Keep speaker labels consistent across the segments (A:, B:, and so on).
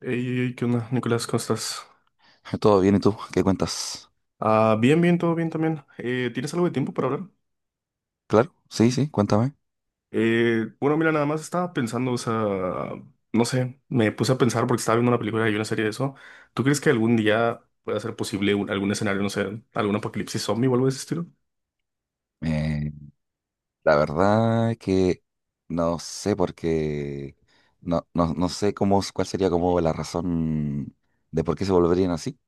A: Ey, ey, ey, ¿qué onda, Nicolás? ¿Cómo estás?
B: Todo bien, ¿y tú? ¿Qué cuentas?
A: Ah, bien, bien, todo bien también. ¿Tienes algo de tiempo para hablar?
B: Claro, sí, sí, cuéntame.
A: Bueno, mira, nada más estaba pensando, o sea, no sé, me puse a pensar porque estaba viendo una película y una serie de eso. ¿Tú crees que algún día pueda ser posible algún escenario, no sé, algún apocalipsis zombie o algo de ese estilo?
B: Eh, la verdad que no sé por qué, no, no, no sé cómo, cuál sería como la razón de por qué se volverían así.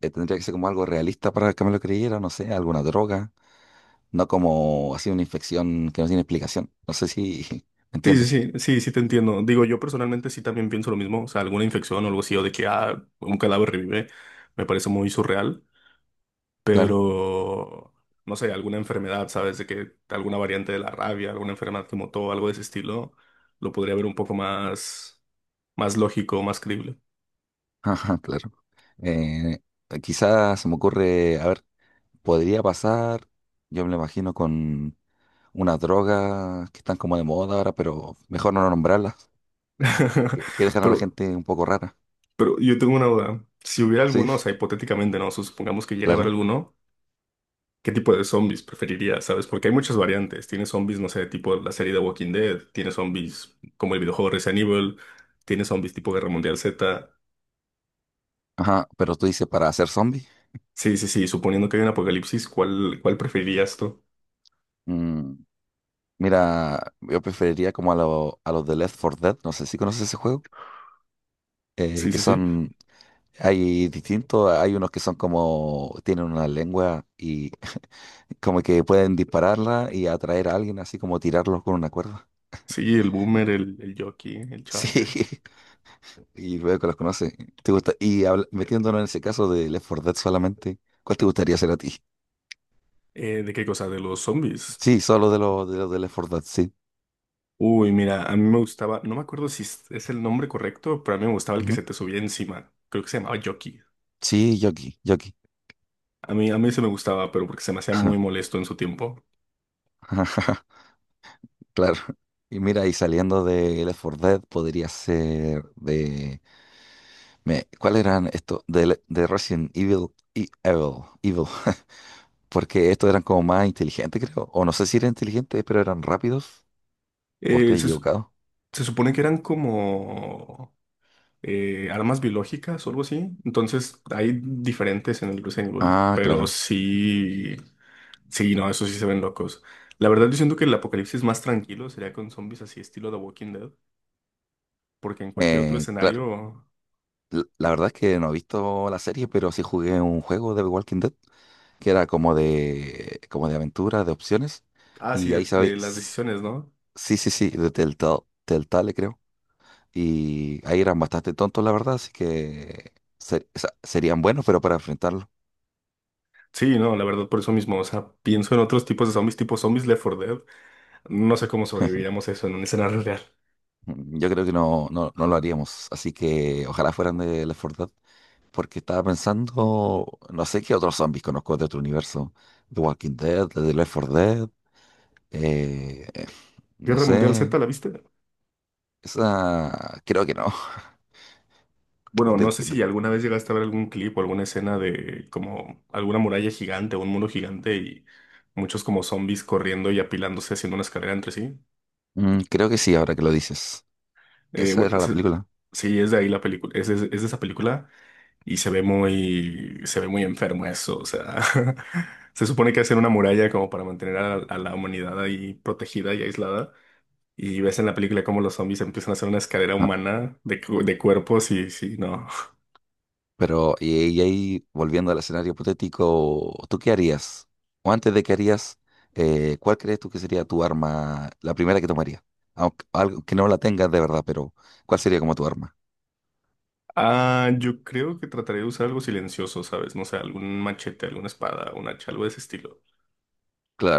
B: Tendría que ser como algo realista para que me lo creyera, no sé, alguna droga, no como así una infección que no tiene explicación. No sé si me
A: Sí, sí,
B: entiende.
A: sí, sí, sí te entiendo. Digo, yo personalmente sí también pienso lo mismo, o sea, alguna infección o algo así, o de que ah, un cadáver revive, me parece muy surreal.
B: Claro,
A: Pero no sé, alguna enfermedad, ¿sabes? De que alguna variante de la rabia, alguna enfermedad como todo algo de ese estilo, lo podría ver un poco más, más lógico, más creíble.
B: ajá, claro. Eh, Quizás se me ocurre, a ver, podría pasar, yo me lo imagino unas drogas que están como de moda ahora, pero mejor no nombrarlas, que dejan a la
A: Pero,
B: gente un poco rara.
A: pero yo tengo una duda. Si hubiera
B: Sí,
A: alguno, o sea, hipotéticamente, ¿no? Supongamos que llega a haber
B: claro.
A: alguno, ¿qué tipo de zombies preferirías, ¿sabes? Porque hay muchas variantes. Tienes zombies, no sé, tipo la serie de Walking Dead, tienes zombies como el videojuego Resident Evil, tienes zombies tipo Guerra Mundial Z.
B: Ajá, pero tú dices para hacer zombie.
A: Sí, sí, sí, suponiendo que hay un apocalipsis, ¿cuál, cuál preferirías tú?
B: Mm, Mira, yo preferiría como a, a los de Left 4 Dead, no sé si conoces ese juego,
A: Sí,
B: que
A: sí, sí.
B: son, hay distintos, hay unos que son como, tienen una lengua y como que pueden dispararla y atraer a alguien, así como tirarlos con una cuerda.
A: Sí, el Boomer, el Jockey, el Charger.
B: Sí, y luego los conoces. ¿Te gusta? Y metiéndonos en ese caso de Left four Dead solamente, ¿cuál te gustaría ser a ti?
A: ¿De qué cosa? De los zombies.
B: Sí, solo de los de Left four Dead, sí.
A: Uy, mira, a mí me gustaba, no me acuerdo si es el nombre correcto, pero a mí me gustaba el que
B: Ujú.
A: se te subía encima. Creo que se llamaba Jockey.
B: Sí, Yoki, Yoki.
A: A mí se me gustaba, pero porque se me hacía muy molesto en su tiempo.
B: Claro. Y mira, y saliendo de Left four Dead, podría ser de, ¿cuál eran estos? De Resident Evil y Evil. Evil. Porque estos eran como más inteligentes, creo. O no sé si eran inteligentes, pero eran rápidos. ¿O
A: Eh,
B: estoy
A: se, su-
B: equivocado?
A: Se supone que eran como… armas biológicas o algo así. Entonces hay diferentes en el Resident Evil,
B: Ah,
A: pero
B: claro.
A: sí, sí, no, eso sí se ven locos. La verdad, yo siento que el apocalipsis más tranquilo sería con zombies así estilo The Walking Dead, porque en cualquier otro
B: Claro.
A: escenario,
B: La verdad es que no he visto la serie, pero sí jugué un juego de The Walking Dead, que era como de aventura, de opciones.
A: ah, sí,
B: Y ahí sabéis,
A: de las decisiones, ¿no?
B: sí, sí, sí, de Telltale, Telltale creo. Y ahí eran bastante tontos, la verdad, así que serían buenos, pero para enfrentarlo.
A: Sí, no, la verdad, por eso mismo, o sea, pienso en otros tipos de zombies, tipo zombies Left 4 Dead, no sé cómo sobreviviríamos a eso en un escenario real.
B: Yo creo que no, no, no lo haríamos. Así que ojalá fueran de Left 4 Dead, porque estaba pensando, no sé qué otros zombies conozco de otro universo, The Walking Dead, de Left 4 Dead, eh, no
A: Guerra Mundial
B: sé.
A: Z, ¿la viste?
B: Esa, creo que no.
A: Bueno,
B: De
A: no sé
B: que- de-
A: si alguna vez llegaste a ver algún clip o alguna escena de como alguna muralla gigante o un muro gigante y muchos como zombies corriendo y apilándose haciendo una escalera entre sí.
B: Creo que sí, ahora que lo dices.
A: Eh,
B: Esa
A: bueno,
B: era la
A: se-
B: película.
A: sí, es de ahí la película, es de esa película y se ve muy enfermo eso, o sea, se supone que hacen una muralla como para mantener a la humanidad ahí protegida y aislada y ves en la película cómo los zombies empiezan a hacer una escalera
B: Ah,
A: humana de, de cuerpos y sí, no.
B: pero, y ahí, volviendo al escenario hipotético, ¿tú qué harías? O antes de qué harías, ¿cuál crees tú que sería tu arma, la primera que tomarías? Aunque algo que no la tengas de verdad, pero ¿cuál sería como tu arma?
A: Ah, yo creo que trataré de usar algo silencioso, ¿sabes? No sé, algún machete, alguna espada, un hacha, algo de ese estilo.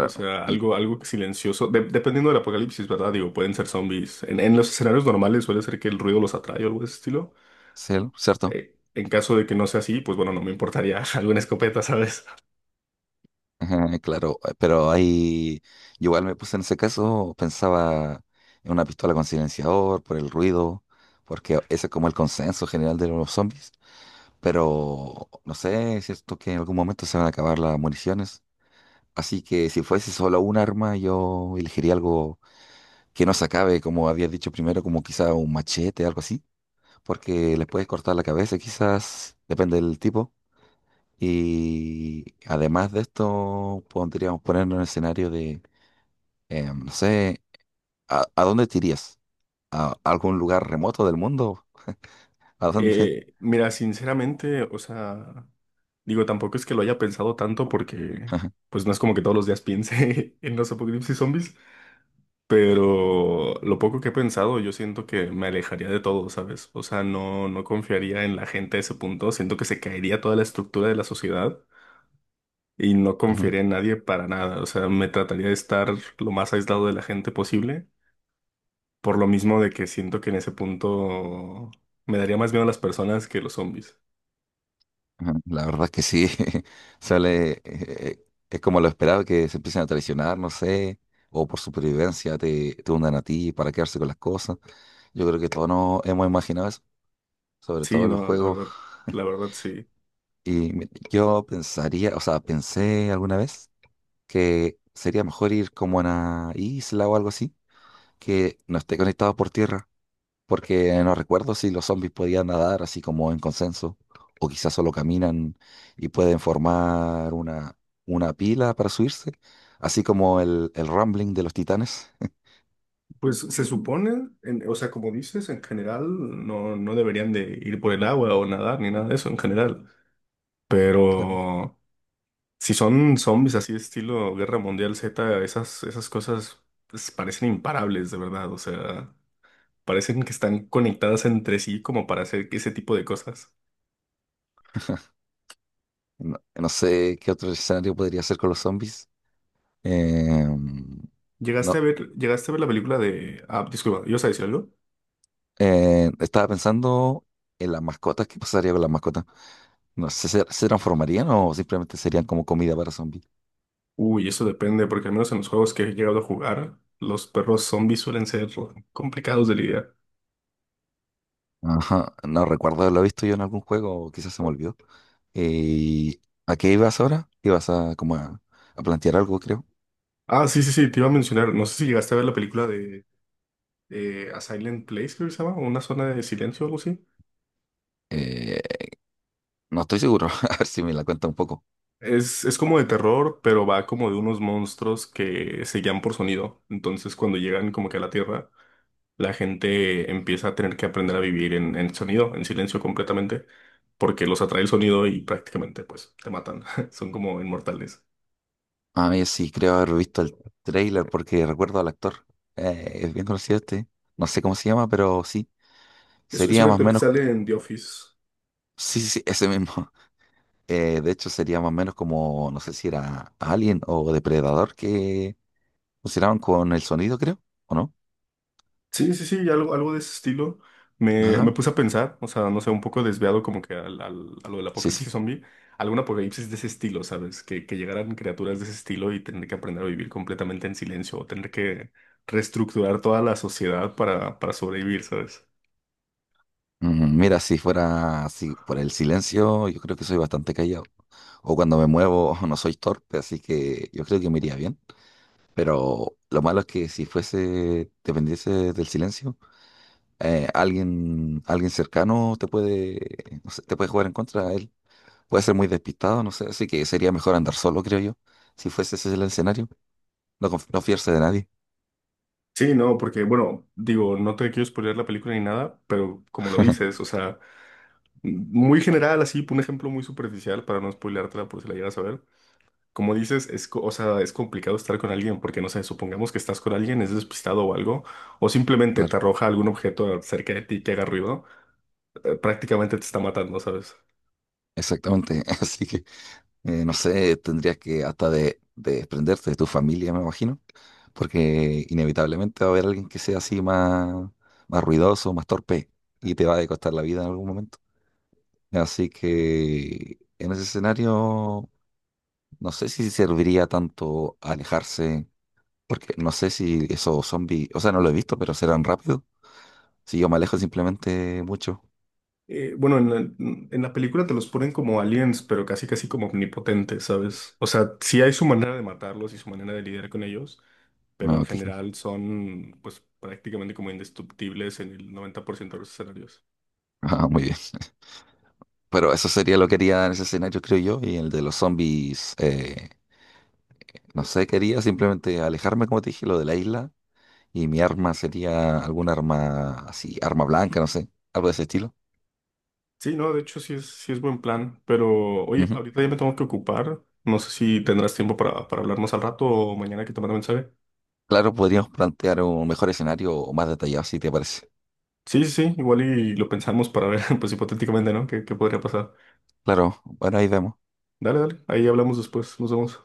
A: O sea,
B: Y,
A: algo, algo que silencioso. Dependiendo del apocalipsis, ¿verdad? Digo, pueden ser zombies. En los escenarios normales suele ser que el ruido los atrae o algo de ese estilo.
B: ¿cierto?
A: En caso de que no sea así, pues bueno, no me importaría alguna escopeta, ¿sabes?
B: Ajá, claro, pero ahí yo igual me puse en ese caso, pensaba en una pistola con silenciador, por el ruido, porque ese es como el consenso general de los zombies, pero no sé, es cierto que en algún momento se van a acabar las municiones, así que si fuese solo un arma, yo elegiría algo que no se acabe, como había dicho primero, como quizá un machete, algo así, porque les puedes cortar la cabeza, quizás, depende del tipo. Y además de esto, podríamos ponernos en el escenario de. No sé, ¿A dónde te irías? ¿A algún lugar remoto del mundo? ¿A dónde?
A: Mira, sinceramente, o sea, digo, tampoco es que lo haya pensado tanto porque, pues no es como que todos los días piense en los apocalipsis zombies. Pero lo poco que he pensado, yo siento que me alejaría de todo, ¿sabes? O sea, no, no confiaría en la gente a ese punto. Siento que se caería toda la estructura de la sociedad y no
B: Ujú,
A: confiaría en nadie para nada. O sea, me trataría de estar lo más aislado de la gente posible. Por lo mismo de que siento que en ese punto me daría más miedo a las personas que los zombies.
B: ujú. La verdad es que sí, sale, es como lo esperado que se empiecen a traicionar, no sé, o por supervivencia te hundan a ti para quedarse con las cosas. Yo creo que todos nos hemos imaginado eso, sobre
A: Sí,
B: todo en los
A: no,
B: juegos.
A: la verdad sí.
B: Y yo pensaría, o sea, pensé alguna vez que sería mejor ir como a una isla o algo así, que no esté conectado por tierra porque no recuerdo si los zombies podían nadar así como en consenso, o quizás solo caminan y pueden formar una pila para subirse, así como el rumbling de los titanes.
A: Pues se supone, o sea, como dices, en general no, no deberían de ir por el agua o nadar ni nada de eso en general.
B: Claro.
A: Pero si son zombies así de estilo Guerra Mundial Z, esas, esas cosas pues, parecen imparables, de verdad. O sea, parecen que están conectadas entre sí como para hacer ese tipo de cosas.
B: No, no sé qué otro escenario podría ser con los zombies. Eh, no,
A: Llegaste a ver la película de… Ah, disculpa, ¿ibas a decir algo?
B: estaba pensando en las mascotas. ¿Qué pasaría con las mascotas? No sé, ¿se, se transformarían o simplemente serían como comida para zombies?
A: Uy, eso depende, porque al menos en los juegos que he llegado a jugar, los perros zombies suelen ser complicados de lidiar.
B: Ajá, no recuerdo haberlo visto yo en algún juego, o quizás se me olvidó. ¿Y a qué ibas ahora? Ibas a como a plantear algo, creo.
A: Ah, sí, sí, sí, te iba a mencionar. No sé si llegaste a ver la película de A Silent Place, creo que se llama, una zona de silencio o algo así.
B: Eh, no estoy seguro, a ver si me la cuenta un poco.
A: Es como de terror, pero va como de unos monstruos que se guían por sonido. Entonces, cuando llegan como que a la Tierra, la gente empieza a tener que aprender a vivir en sonido, en silencio completamente, porque los atrae el sonido y prácticamente pues te matan. Son como inmortales.
B: A mí sí creo haber visto el trailer porque recuerdo al actor. Es bien conocido este. No sé cómo se llama, pero sí.
A: Es
B: Sería
A: un
B: más o
A: actor que
B: menos.
A: sale en The Office.
B: Sí, sí, sí, ese mismo. De hecho, sería más o menos como, no sé si era Alien o Depredador que funcionaban con el sonido, creo, ¿o no?
A: Sí, sí, sí, algo, algo de ese estilo. Me
B: Ajá,
A: puse a pensar, o sea, no sé, un poco desviado como que al, a lo del
B: sí,
A: apocalipsis
B: sí.
A: zombie, algún apocalipsis de ese estilo, ¿sabes? Que llegaran criaturas de ese estilo y tener que aprender a vivir completamente en silencio o tener que reestructurar toda la sociedad para sobrevivir, ¿sabes?
B: Mira, si fuera así por el silencio, yo creo que soy bastante callado. O cuando me muevo no soy torpe, así que yo creo que me iría bien. Pero lo malo es que si fuese, dependiese del silencio, alguien, alguien cercano te puede, no sé, te puede jugar en contra a él. Puede ser muy despistado, no sé, así que sería mejor andar solo, creo yo. Si fuese ese el escenario, no, no fiarse de nadie.
A: Sí, no, porque, bueno, digo, no te quiero spoilear la película ni nada, pero como lo dices, o sea, muy general, así, un ejemplo muy superficial para no spoileártela por si la llegas a ver. Como dices, es, o sea, es complicado estar con alguien porque, no sé, supongamos que estás con alguien, es despistado o algo, o simplemente te
B: Claro,
A: arroja algún objeto cerca de ti que haga ruido, prácticamente te está matando, ¿sabes?
B: exactamente. Así que no sé, tendrías que hasta de desprenderte de tu familia, me imagino, porque inevitablemente va a haber alguien que sea así más, más ruidoso, más torpe, y te va a costar la vida en algún momento. Así que en ese escenario, no sé si serviría tanto alejarse, porque no sé si esos zombies, o sea, no lo he visto, pero serán rápidos. Si yo me alejo simplemente mucho.
A: Eh, bueno, en la, en la película te los ponen como aliens, pero casi casi como omnipotentes, ¿sabes? O sea, sí hay su manera de matarlos y su manera de lidiar con ellos, pero
B: Ah,
A: en
B: ok.
A: general son, pues, prácticamente como indestructibles en el 90% de los escenarios.
B: Ah, muy bien. Pero eso sería lo que haría en ese escenario, creo yo, y el de los zombies. No sé, quería simplemente alejarme, como te dije, lo de la isla. Y mi arma sería alguna arma así, arma blanca, no sé, algo de ese estilo.
A: Sí, no, de hecho sí es buen plan, pero oye,
B: Ujú.
A: ahorita ya me tengo que ocupar. No sé si tendrás tiempo para hablar más al rato o mañana que te mande mensaje.
B: Claro, podríamos plantear un mejor escenario o más detallado, si te parece.
A: Sí, sí, sí, igual y lo pensamos para ver, pues hipotéticamente, ¿no? ¿Qué, qué podría pasar?
B: Claro, bueno, ahí vemos.
A: Dale, dale, ahí hablamos después, nos vemos.